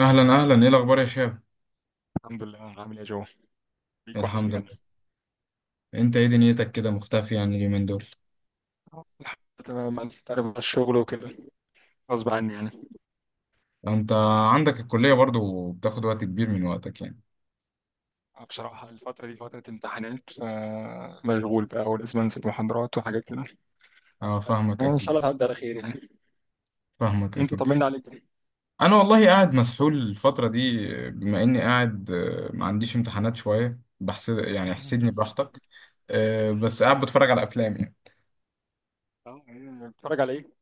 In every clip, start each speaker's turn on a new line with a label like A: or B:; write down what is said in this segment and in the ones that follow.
A: اهلا اهلا، ايه الاخبار يا شاب؟
B: الحمد لله، عامل ايه يا جو؟ ليك واحد
A: الحمد
B: يا جدع.
A: لله. انت ايه دنيتك كده مختفي يعني اليومين دول؟
B: الحمد لله تمام، انت تعرف بقى الشغل وكده، غصب عني يعني.
A: انت عندك الكليه برضو بتاخد وقت كبير من وقتك يعني.
B: بصراحة الفترة دي فترة امتحانات، فمشغول بقى ولازم انزل محاضرات وحاجات كده.
A: اه، فاهمك
B: ان شاء
A: اكيد.
B: الله تعدي على خير يعني.
A: فاهمك
B: انت
A: اكيد.
B: طمنا عليك.
A: انا والله قاعد مسحول الفتره دي بما اني قاعد، ما عنديش امتحانات شويه، بحسد يعني احسدني براحتك. بس قاعد بتفرج على افلام يعني.
B: اه، إيه، بتتفرج على ايه؟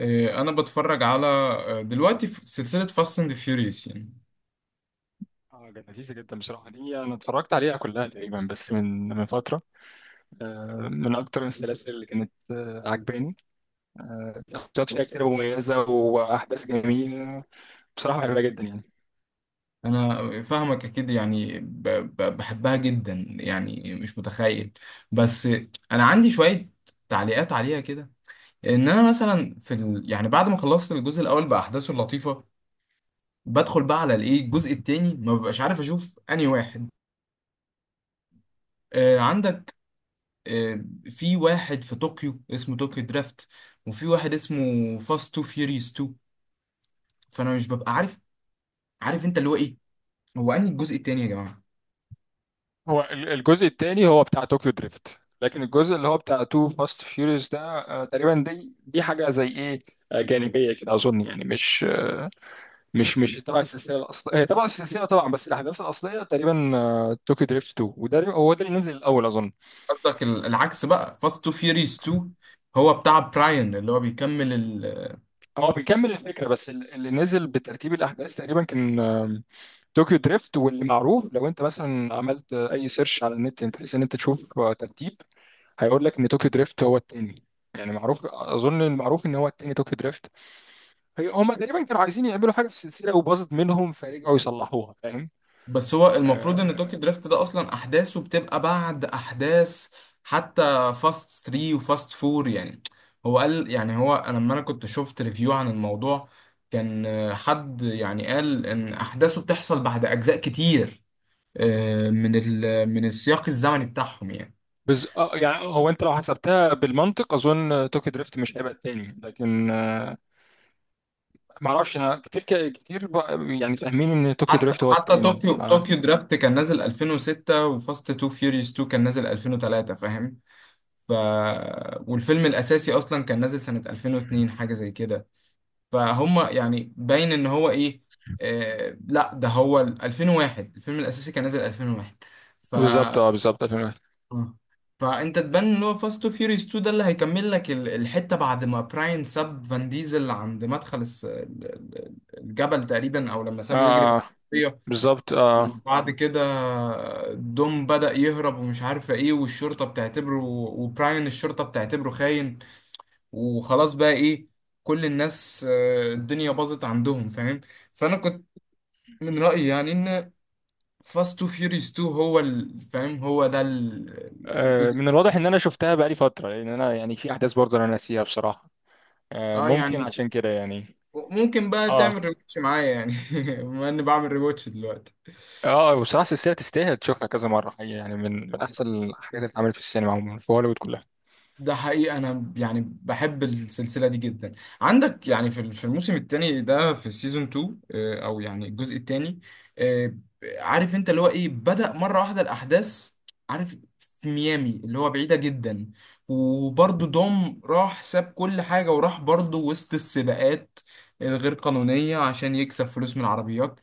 A: انا بتفرج على دلوقتي في سلسله فاست اند فيوريوس يعني.
B: اه كانت لذيذة جدا بصراحة دي، انا اتفرجت عليها كلها تقريبا بس من فترة. من اكتر السلاسل اللي كانت عجباني. آه، شخصيات فيها كتير مميزة واحداث جميلة. بصراحة بحبها جدا يعني.
A: انا فاهمك اكيد، يعني بحبها جدا يعني مش متخيل. بس انا عندي شوية تعليقات عليها كده، ان انا مثلا يعني بعد ما خلصت الجزء الاول باحداثه اللطيفة، بدخل بقى على الايه الجزء التاني، ما ببقاش عارف اشوف انهي واحد. عندك في واحد في طوكيو اسمه طوكيو درافت، وفي واحد اسمه فاست تو فيوريوس 2، فانا مش ببقى عارف. عارف انت اللي هو ايه، هو انهي الجزء التاني يا جماعة؟
B: هو الجزء الثاني هو بتاع طوكيو دريفت، لكن الجزء اللي هو بتاع تو فاست فيوريوس ده تقريبا دي حاجه زي ايه، جانبيه كده اظن، يعني مش مش تبع السلسله الاصليه، هي تبع السلسله طبعا بس الاحداث الاصليه تقريبا. طوكيو دريفت 2 وده هو ده اللي نزل الاول اظن.
A: قصدك العكس بقى، فاست تو فيوريز 2 هو بتاع براين اللي هو بيكمل
B: هو بيكمل الفكره، بس اللي نزل بترتيب الاحداث تقريبا كان طوكيو دريفت. واللي معروف لو انت مثلا عملت اي سيرش على النت بحيث ان انت تشوف ترتيب، هيقول لك ان طوكيو دريفت هو التاني. يعني معروف اظن، المعروف ان هو التاني طوكيو دريفت. هي هما تقريبا كانوا عايزين يعملوا حاجه في السلسله وباظت منهم، فرجعوا يصلحوها، فاهم؟
A: بس هو المفروض
B: آه
A: ان توكي دريفت ده اصلا احداثه بتبقى بعد احداث حتى فاست 3 وفاست 4 يعني. هو قال يعني، هو أنا لما انا كنت شفت ريفيو عن الموضوع، كان حد يعني قال ان احداثه بتحصل بعد اجزاء كتير، من السياق الزمني بتاعهم يعني.
B: آه, يعني هو انت لو حسبتها بالمنطق اظن طوكيو دريفت مش هيبقى التاني، لكن آه، ما اعرفش انا كتير. يعني فاهمين ان طوكيو
A: حتى
B: دريفت هو
A: حتى
B: التاني،
A: طوكيو
B: آه.
A: طوكيو درافت كان نازل 2006، وفاست تو فيوريوس 2 كان نازل 2003، فاهم؟ ف والفيلم الاساسي اصلا كان نازل سنة 2002 حاجة زي كده، فهم يعني باين ان هو ايه. آه لا، ده هو 2001، الفيلم الاساسي كان نازل 2001. ف
B: بالظبط، اه بالظبط 2001.
A: آه. فانت تبان ان هو فاست تو فيوريوس 2 ده اللي هيكمل لك الحتة بعد ما براين ساب فان ديزل عند مدخل الجبل تقريبا، او لما
B: اه،
A: سابه يجري.
B: بالظبط اه.
A: وبعد كده دوم بدأ يهرب ومش عارفة ايه، والشرطة بتعتبره وبراين الشرطة بتعتبره خاين، وخلاص بقى ايه. كل الناس الدنيا باظت عندهم، فاهم. فأنا كنت من رأيي يعني ان فاست تو فيوريوس 2 هو ال- فاهم هو ده ال- الجزء
B: من الواضح ان
A: الثاني.
B: انا شفتها بقالي فتره، لان انا يعني في احداث برضه انا ناسيها بصراحه.
A: اه
B: ممكن
A: يعني
B: عشان كده يعني.
A: ممكن بقى
B: اه.
A: تعمل ريواتش معايا يعني. بما اني بعمل ريواتش دلوقتي.
B: اه بصراحه السلسله تستاهل تشوفها كذا مره حقيقة، يعني من احسن الحاجات اللي اتعملت في السينما عموما في هوليوود كلها.
A: ده حقيقي، انا يعني بحب السلسله دي جدا. عندك يعني في الموسم الثاني ده، في سيزون 2، او يعني الجزء الثاني. عارف انت اللي هو ايه، بدأ مره واحده الاحداث. عارف في ميامي اللي هو بعيده جدا، وبرضه دوم راح ساب كل حاجه وراح برضه وسط السباقات الغير قانونيه عشان يكسب فلوس من العربيات،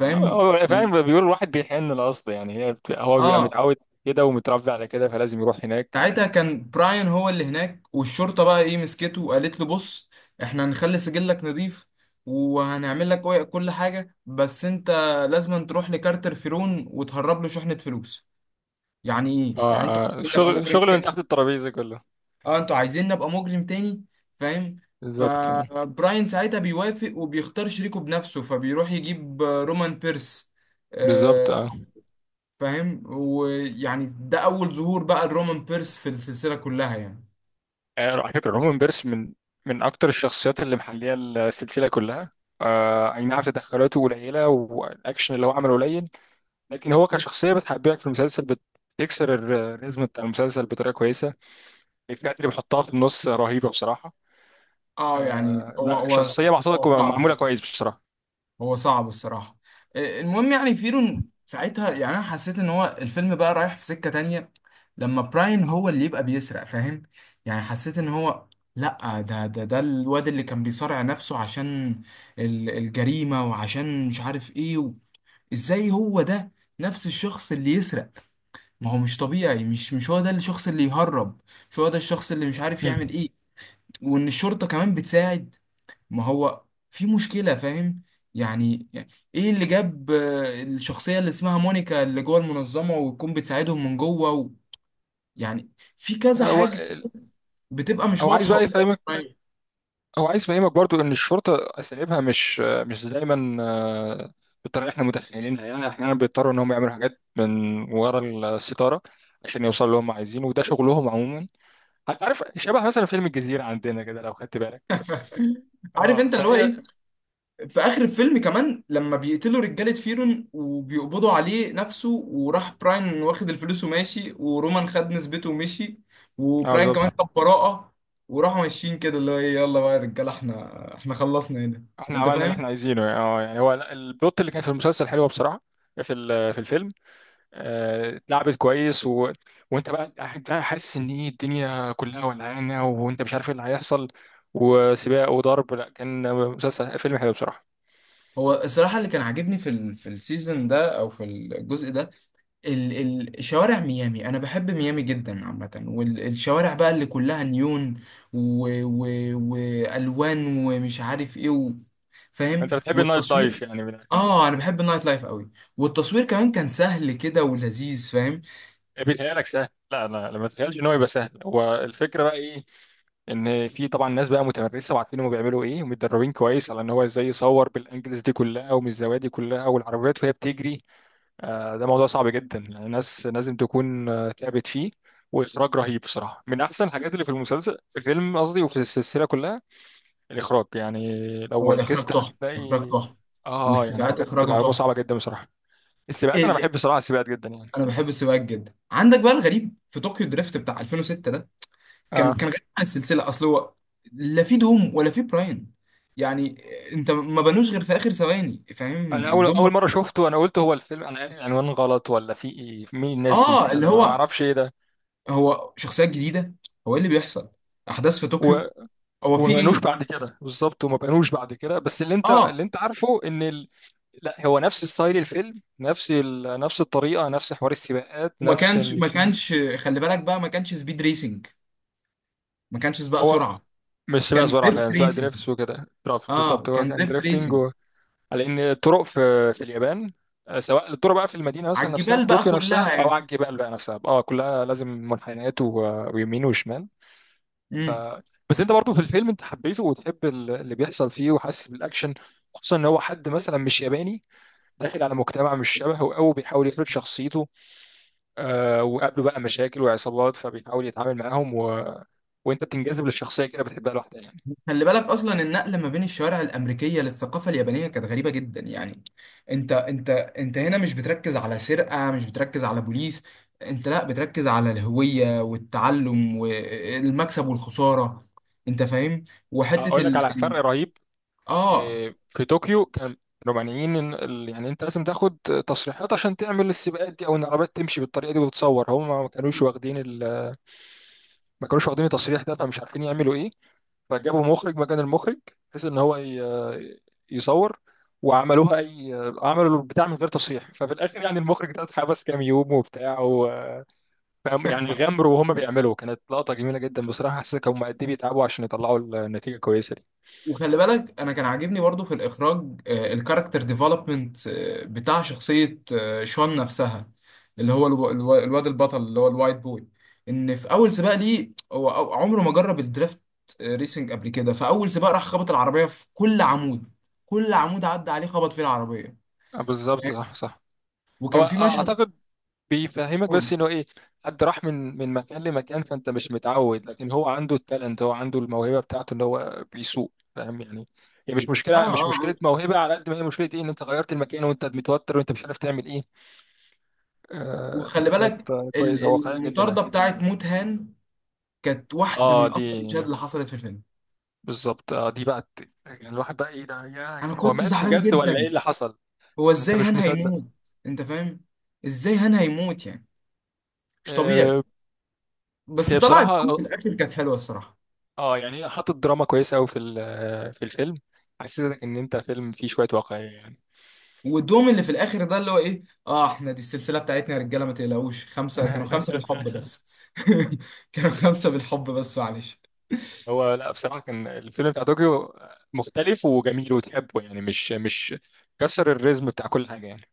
B: فعلا بيقول الواحد بيحن الاصل، يعني هو بيبقى
A: اه،
B: متعود كده ومتربي على كده، فلازم يروح هناك.
A: ساعتها كان براين هو اللي هناك، والشرطة بقى ايه مسكته وقالت له بص، احنا هنخلي سجلك نظيف وهنعمل لك كل حاجة، بس انت لازم تروح لكارتر فيرون وتهرب له شحنة فلوس. يعني
B: اه،
A: ايه يعني، انتوا عايزين نبقى
B: شغل،
A: مجرم
B: شغل من
A: تاني؟
B: تحت الترابيزه كله.
A: اه، انتوا عايزين نبقى مجرم تاني، فاهم.
B: بالظبط.
A: فبراين ساعتها بيوافق وبيختار شريكه بنفسه، فبيروح يجيب رومان بيرس. آه،
B: بالظبط.
A: فاهم. ويعني ده أول ظهور بقى لرومان بيرس في السلسلة كلها يعني.
B: على فكرة رومان بيرس من من أكتر الشخصيات اللي محلية السلسلة كلها. أي نعم تدخلاته قليلة والأكشن اللي هو عمله قليل، لكن هو كشخصية بتحببك في المسلسل، بتكسر الريزم بتاع المسلسل بطريقة كويسة. الإفيهات اللي بيحطها في النص رهيبة بصراحة.
A: اه يعني هو
B: لا
A: هو
B: شخصية محطوطة
A: هو صعب
B: معمولة
A: الصراحه،
B: كويس بصراحة.
A: هو صعب الصراحه. المهم يعني فيرون ساعتها، يعني انا حسيت ان هو الفيلم بقى رايح في سكه تانية لما براين هو اللي يبقى بيسرق، فاهم يعني. حسيت ان هو لا، ده الواد اللي كان بيصارع نفسه عشان الجريمه وعشان مش عارف ايه. ازاي هو ده نفس الشخص اللي يسرق؟ ما هو مش طبيعي، مش هو ده الشخص اللي يهرب، مش هو ده الشخص اللي مش عارف يعمل
B: مم.
A: ايه. وان الشرطه كمان بتساعد، ما هو في مشكلة، فاهم. يعني ايه اللي جاب الشخصية اللي اسمها مونيكا اللي جوه المنظمة وتكون بتساعدهم من جوه. يعني في كذا
B: هو
A: حاجة بتبقى مش
B: هو عايز
A: واضحة
B: بقى
A: قدام
B: يفهمك،
A: العين.
B: هو عايز يفهمك برضو ان الشرطه اساليبها مش دايما بالطريقه اللي احنا متخيلينها. يعني احيانا بيضطروا ان هم يعملوا حاجات من ورا الستاره عشان يوصلوا اللي هم عايزينه، وده شغلهم عموما. هتعرف شبه مثلا فيلم الجزيره عندنا كده لو خدت بالك.
A: عارف
B: اه
A: انت اللي هو
B: فهي.
A: ايه، في اخر الفيلم كمان لما بيقتلوا رجالة فيرون وبيقبضوا عليه نفسه، وراح براين واخد الفلوس وماشي، ورومان خد نسبته ومشي،
B: اه
A: وبراين كمان
B: بالظبط.
A: خد براءة. وراحوا ماشيين كده اللي هو ايه، يلا بقى يا رجالة، احنا خلصنا هنا.
B: احنا
A: انت
B: عملنا اللي
A: فاهم.
B: احنا عايزينه يعني، اه يعني هو لا، البلوت اللي كان في المسلسل حلوه بصراحه. في في الفيلم اتلعبت كويس، و... وانت بقى قاعد بقى حاسس ان ايه الدنيا كلها ولعانه وانت مش عارف ايه اللي هيحصل، وسباق وضرب، لا كان مسلسل فيلم حلو بصراحه.
A: هو الصراحة اللي كان عاجبني في ال في السيزون ده أو في الجزء ده، ال ال شوارع ميامي. أنا بحب ميامي جدا عامة، والشوارع بقى اللي كلها نيون و و وألوان ومش عارف إيه. فاهم.
B: انت بتحب النايت
A: والتصوير.
B: لايف يعني من الاخر.
A: أنا بحب النايت لايف قوي. والتصوير كمان كان سهل كده ولذيذ، فاهم.
B: بيتهيألك سهل؟ لا، ما تتخيلش ان هو يبقى سهل. هو الفكره بقى ايه؟ ان في طبعا ناس بقى متمرسه وعارفين هم بيعملوا ايه، ومتدربين كويس على ان هو ازاي يصور بالانجلز دي كلها ومن الزوايا دي كلها، والعربيات وهي بتجري. ده موضوع صعب جدا، يعني الناس لازم تكون تعبت فيه. واخراج رهيب بصراحه، من احسن الحاجات اللي في المسلسل، في الفيلم قصدي، وفي السلسله كلها الاخراج يعني. لو
A: هو الإخراج
B: ركزت
A: تحفة، الإخراج
B: هتلاقي،
A: تحفة،
B: اه يعني
A: والسباقات
B: حاجات
A: إخراجها
B: معلومه
A: تحفة.
B: صعبه جدا بصراحه. السباقات انا
A: ال-
B: بحب بصراحه السباقات جدا يعني.
A: أنا بحب السباقات جدا. عندك بقى الغريب في طوكيو دريفت بتاع 2006، كان
B: اه
A: كان غريب عن السلسله، اصل هو لا في دوم ولا في براين، يعني انت ما بنوش غير في اخر ثواني،
B: انا
A: فاهم
B: اول
A: الدوم.
B: مره شفته انا قلت هو الفيلم، انا قاري العنوان غلط ولا في ايه؟ مين الناس دي؟
A: اه اللي
B: انا ما
A: هو،
B: اعرفش ايه ده.
A: هو شخصيات جديده، هو ايه اللي بيحصل، احداث في
B: و...
A: طوكيو، هو
B: وما
A: في
B: بقنوش
A: ايه.
B: بعد كده بالظبط، وما بقنوش بعد كده، بس اللي انت
A: اه،
B: عارفه ان ال... لا هو نفس ستايل الفيلم، نفس ال... نفس الطريقه، نفس حوار السباقات،
A: وما
B: نفس
A: كانش
B: ان
A: ما
B: في.
A: كانش خلي بالك بقى، ما كانش سبيد ريسنج، ما كانش سباق
B: هو
A: سرعه،
B: مش سباق
A: كان
B: زرعه
A: دريفت
B: فعلا، سباق
A: ريسنج.
B: دريفتس وكده، درافت
A: اه،
B: بالظبط، هو
A: كان
B: كان
A: دريفت
B: دريفتنج
A: ريسنج
B: و... على ان الطرق في في اليابان، سواء الطرق بقى في المدينه
A: على
B: مثلا نفسها
A: الجبال
B: في
A: بقى
B: طوكيو نفسها، او
A: كلها،
B: على الجبال بقى نفسها، اه كلها لازم منحنيات و... ويمين وشمال، ف...
A: يعني.
B: بس انت برضو في الفيلم انت حبيته، وتحب اللي بيحصل فيه، وحاسس بالاكشن، خصوصا ان هو حد مثلا مش ياباني، داخل على مجتمع مش شبهه أوي، بيحاول يفرض شخصيته، آه وقابله بقى مشاكل وعصابات، فبيحاول يتعامل معاهم و... وانت بتنجذب للشخصيه كده، بتحبها لوحدها يعني.
A: خلي بالك اصلا النقله ما بين الشوارع الامريكيه للثقافه اليابانيه كانت غريبه جدا يعني. انت هنا مش بتركز على سرقه، مش بتركز على بوليس، انت لا بتركز على الهويه والتعلم والمكسب والخساره. انت فاهم. وحته
B: اقول لك
A: ال...
B: على
A: ال-
B: فرق رهيب.
A: اه،
B: في طوكيو كان كانوا مانعين ان يعني انت لازم تاخد تصريحات عشان تعمل السباقات دي، او ان العربيات تمشي بالطريقه دي وتتصور. هم ما كانوش واخدين ال... ما كانوش واخدين التصريح ده، فمش عارفين يعملوا ايه. فجابوا مخرج مكان المخرج، بحيث ان هو يصور، وعملوها اي، عملوا البتاع من غير تصحيح. ففي الاخر يعني المخرج ده اتحبس كام يوم وبتاع و- فهم يعني غامروا وهم بيعملوا، كانت لقطة جميلة جدا بصراحة، حسيت هم قد ايه بيتعبوا عشان يطلعوا النتيجة كويسة دي.
A: وخلي بالك انا كان عاجبني برضو في الاخراج الكاركتر ديفلوبمنت بتاع شخصيه شون نفسها، اللي هو الواد البطل اللي هو الوايت بوي، ان في اول سباق ليه هو عمره ما جرب الدريفت ريسنج قبل كده، فاول سباق راح خبط العربيه في كل عمود، كل عمود عدى عليه خبط فيه العربيه، فاهم؟
B: بالظبط، صح صح. هو
A: وكان في مشهد.
B: اعتقد بيفهمك
A: اه
B: بس انه ايه، حد راح من من مكان لمكان، فانت مش متعود، لكن هو عنده التالنت، هو عنده الموهبه بتاعته ان هو بيسوق، فاهم يعني. هي مش
A: اه
B: مشكله، مش
A: آه.
B: مشكله موهبه على قد ما هي مشكله ايه، ان انت غيرت المكان وانت متوتر وانت مش عارف تعمل ايه. آه
A: وخلي بالك
B: فكانت كويسه واقعيه جدا
A: المطارده
B: يعني.
A: بتاعت موت هان كانت واحده
B: اه
A: من
B: دي
A: اكتر المشاهد اللي حصلت في الفيلم.
B: بالظبط، اه دي بقى يعني الواحد بقى ايه ده، يا
A: انا
B: هو
A: كنت
B: مات
A: زعلان
B: بجد ولا
A: جدا،
B: ايه اللي حصل؟
A: هو
B: يعني انت
A: ازاي
B: مش
A: هان
B: مصدق.
A: هيموت؟ انت فاهم، ازاي هان هيموت يعني؟ مش طبيعي.
B: آه، بس
A: بس
B: هي
A: طلع الدوم
B: بصراحة
A: في الاخر، كانت حلوه الصراحه.
B: اه، يعني هي حطت دراما كويسه قوي في في الفيلم. حسيتك ان انت فيلم فيه شويه واقعيه يعني.
A: والدوم اللي في الاخر ده اللي هو ايه، اه احنا دي السلسله بتاعتنا يا رجاله، ما تقلقوش، خمسه كانوا خمسه بالحب بس. كانوا خمسه بالحب بس معلش.
B: هو لا بصراحه كان الفيلم بتاع طوكيو مختلف وجميل وتحبه، يعني مش مش كسر الريزم بتاع كل حاجه يعني.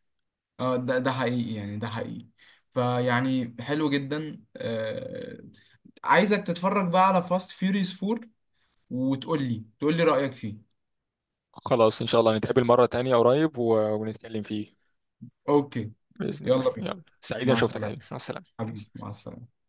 A: اه، ده حقيقي، يعني ده حقيقي، فيعني حلو جدا، آه عايزك تتفرج بقى على فاست فيوريوس 4 وتقول لي، تقول لي رايك فيه.
B: خلاص ان شاء الله نتقابل مره تانية قريب و- ونتكلم فيه
A: اوكي.
B: باذن الله.
A: يلا بينا،
B: يلا، سعيد انا
A: مع
B: شفتك يا
A: السلامه،
B: حبيبي، مع السلامه.
A: حبيبي مع السلامه.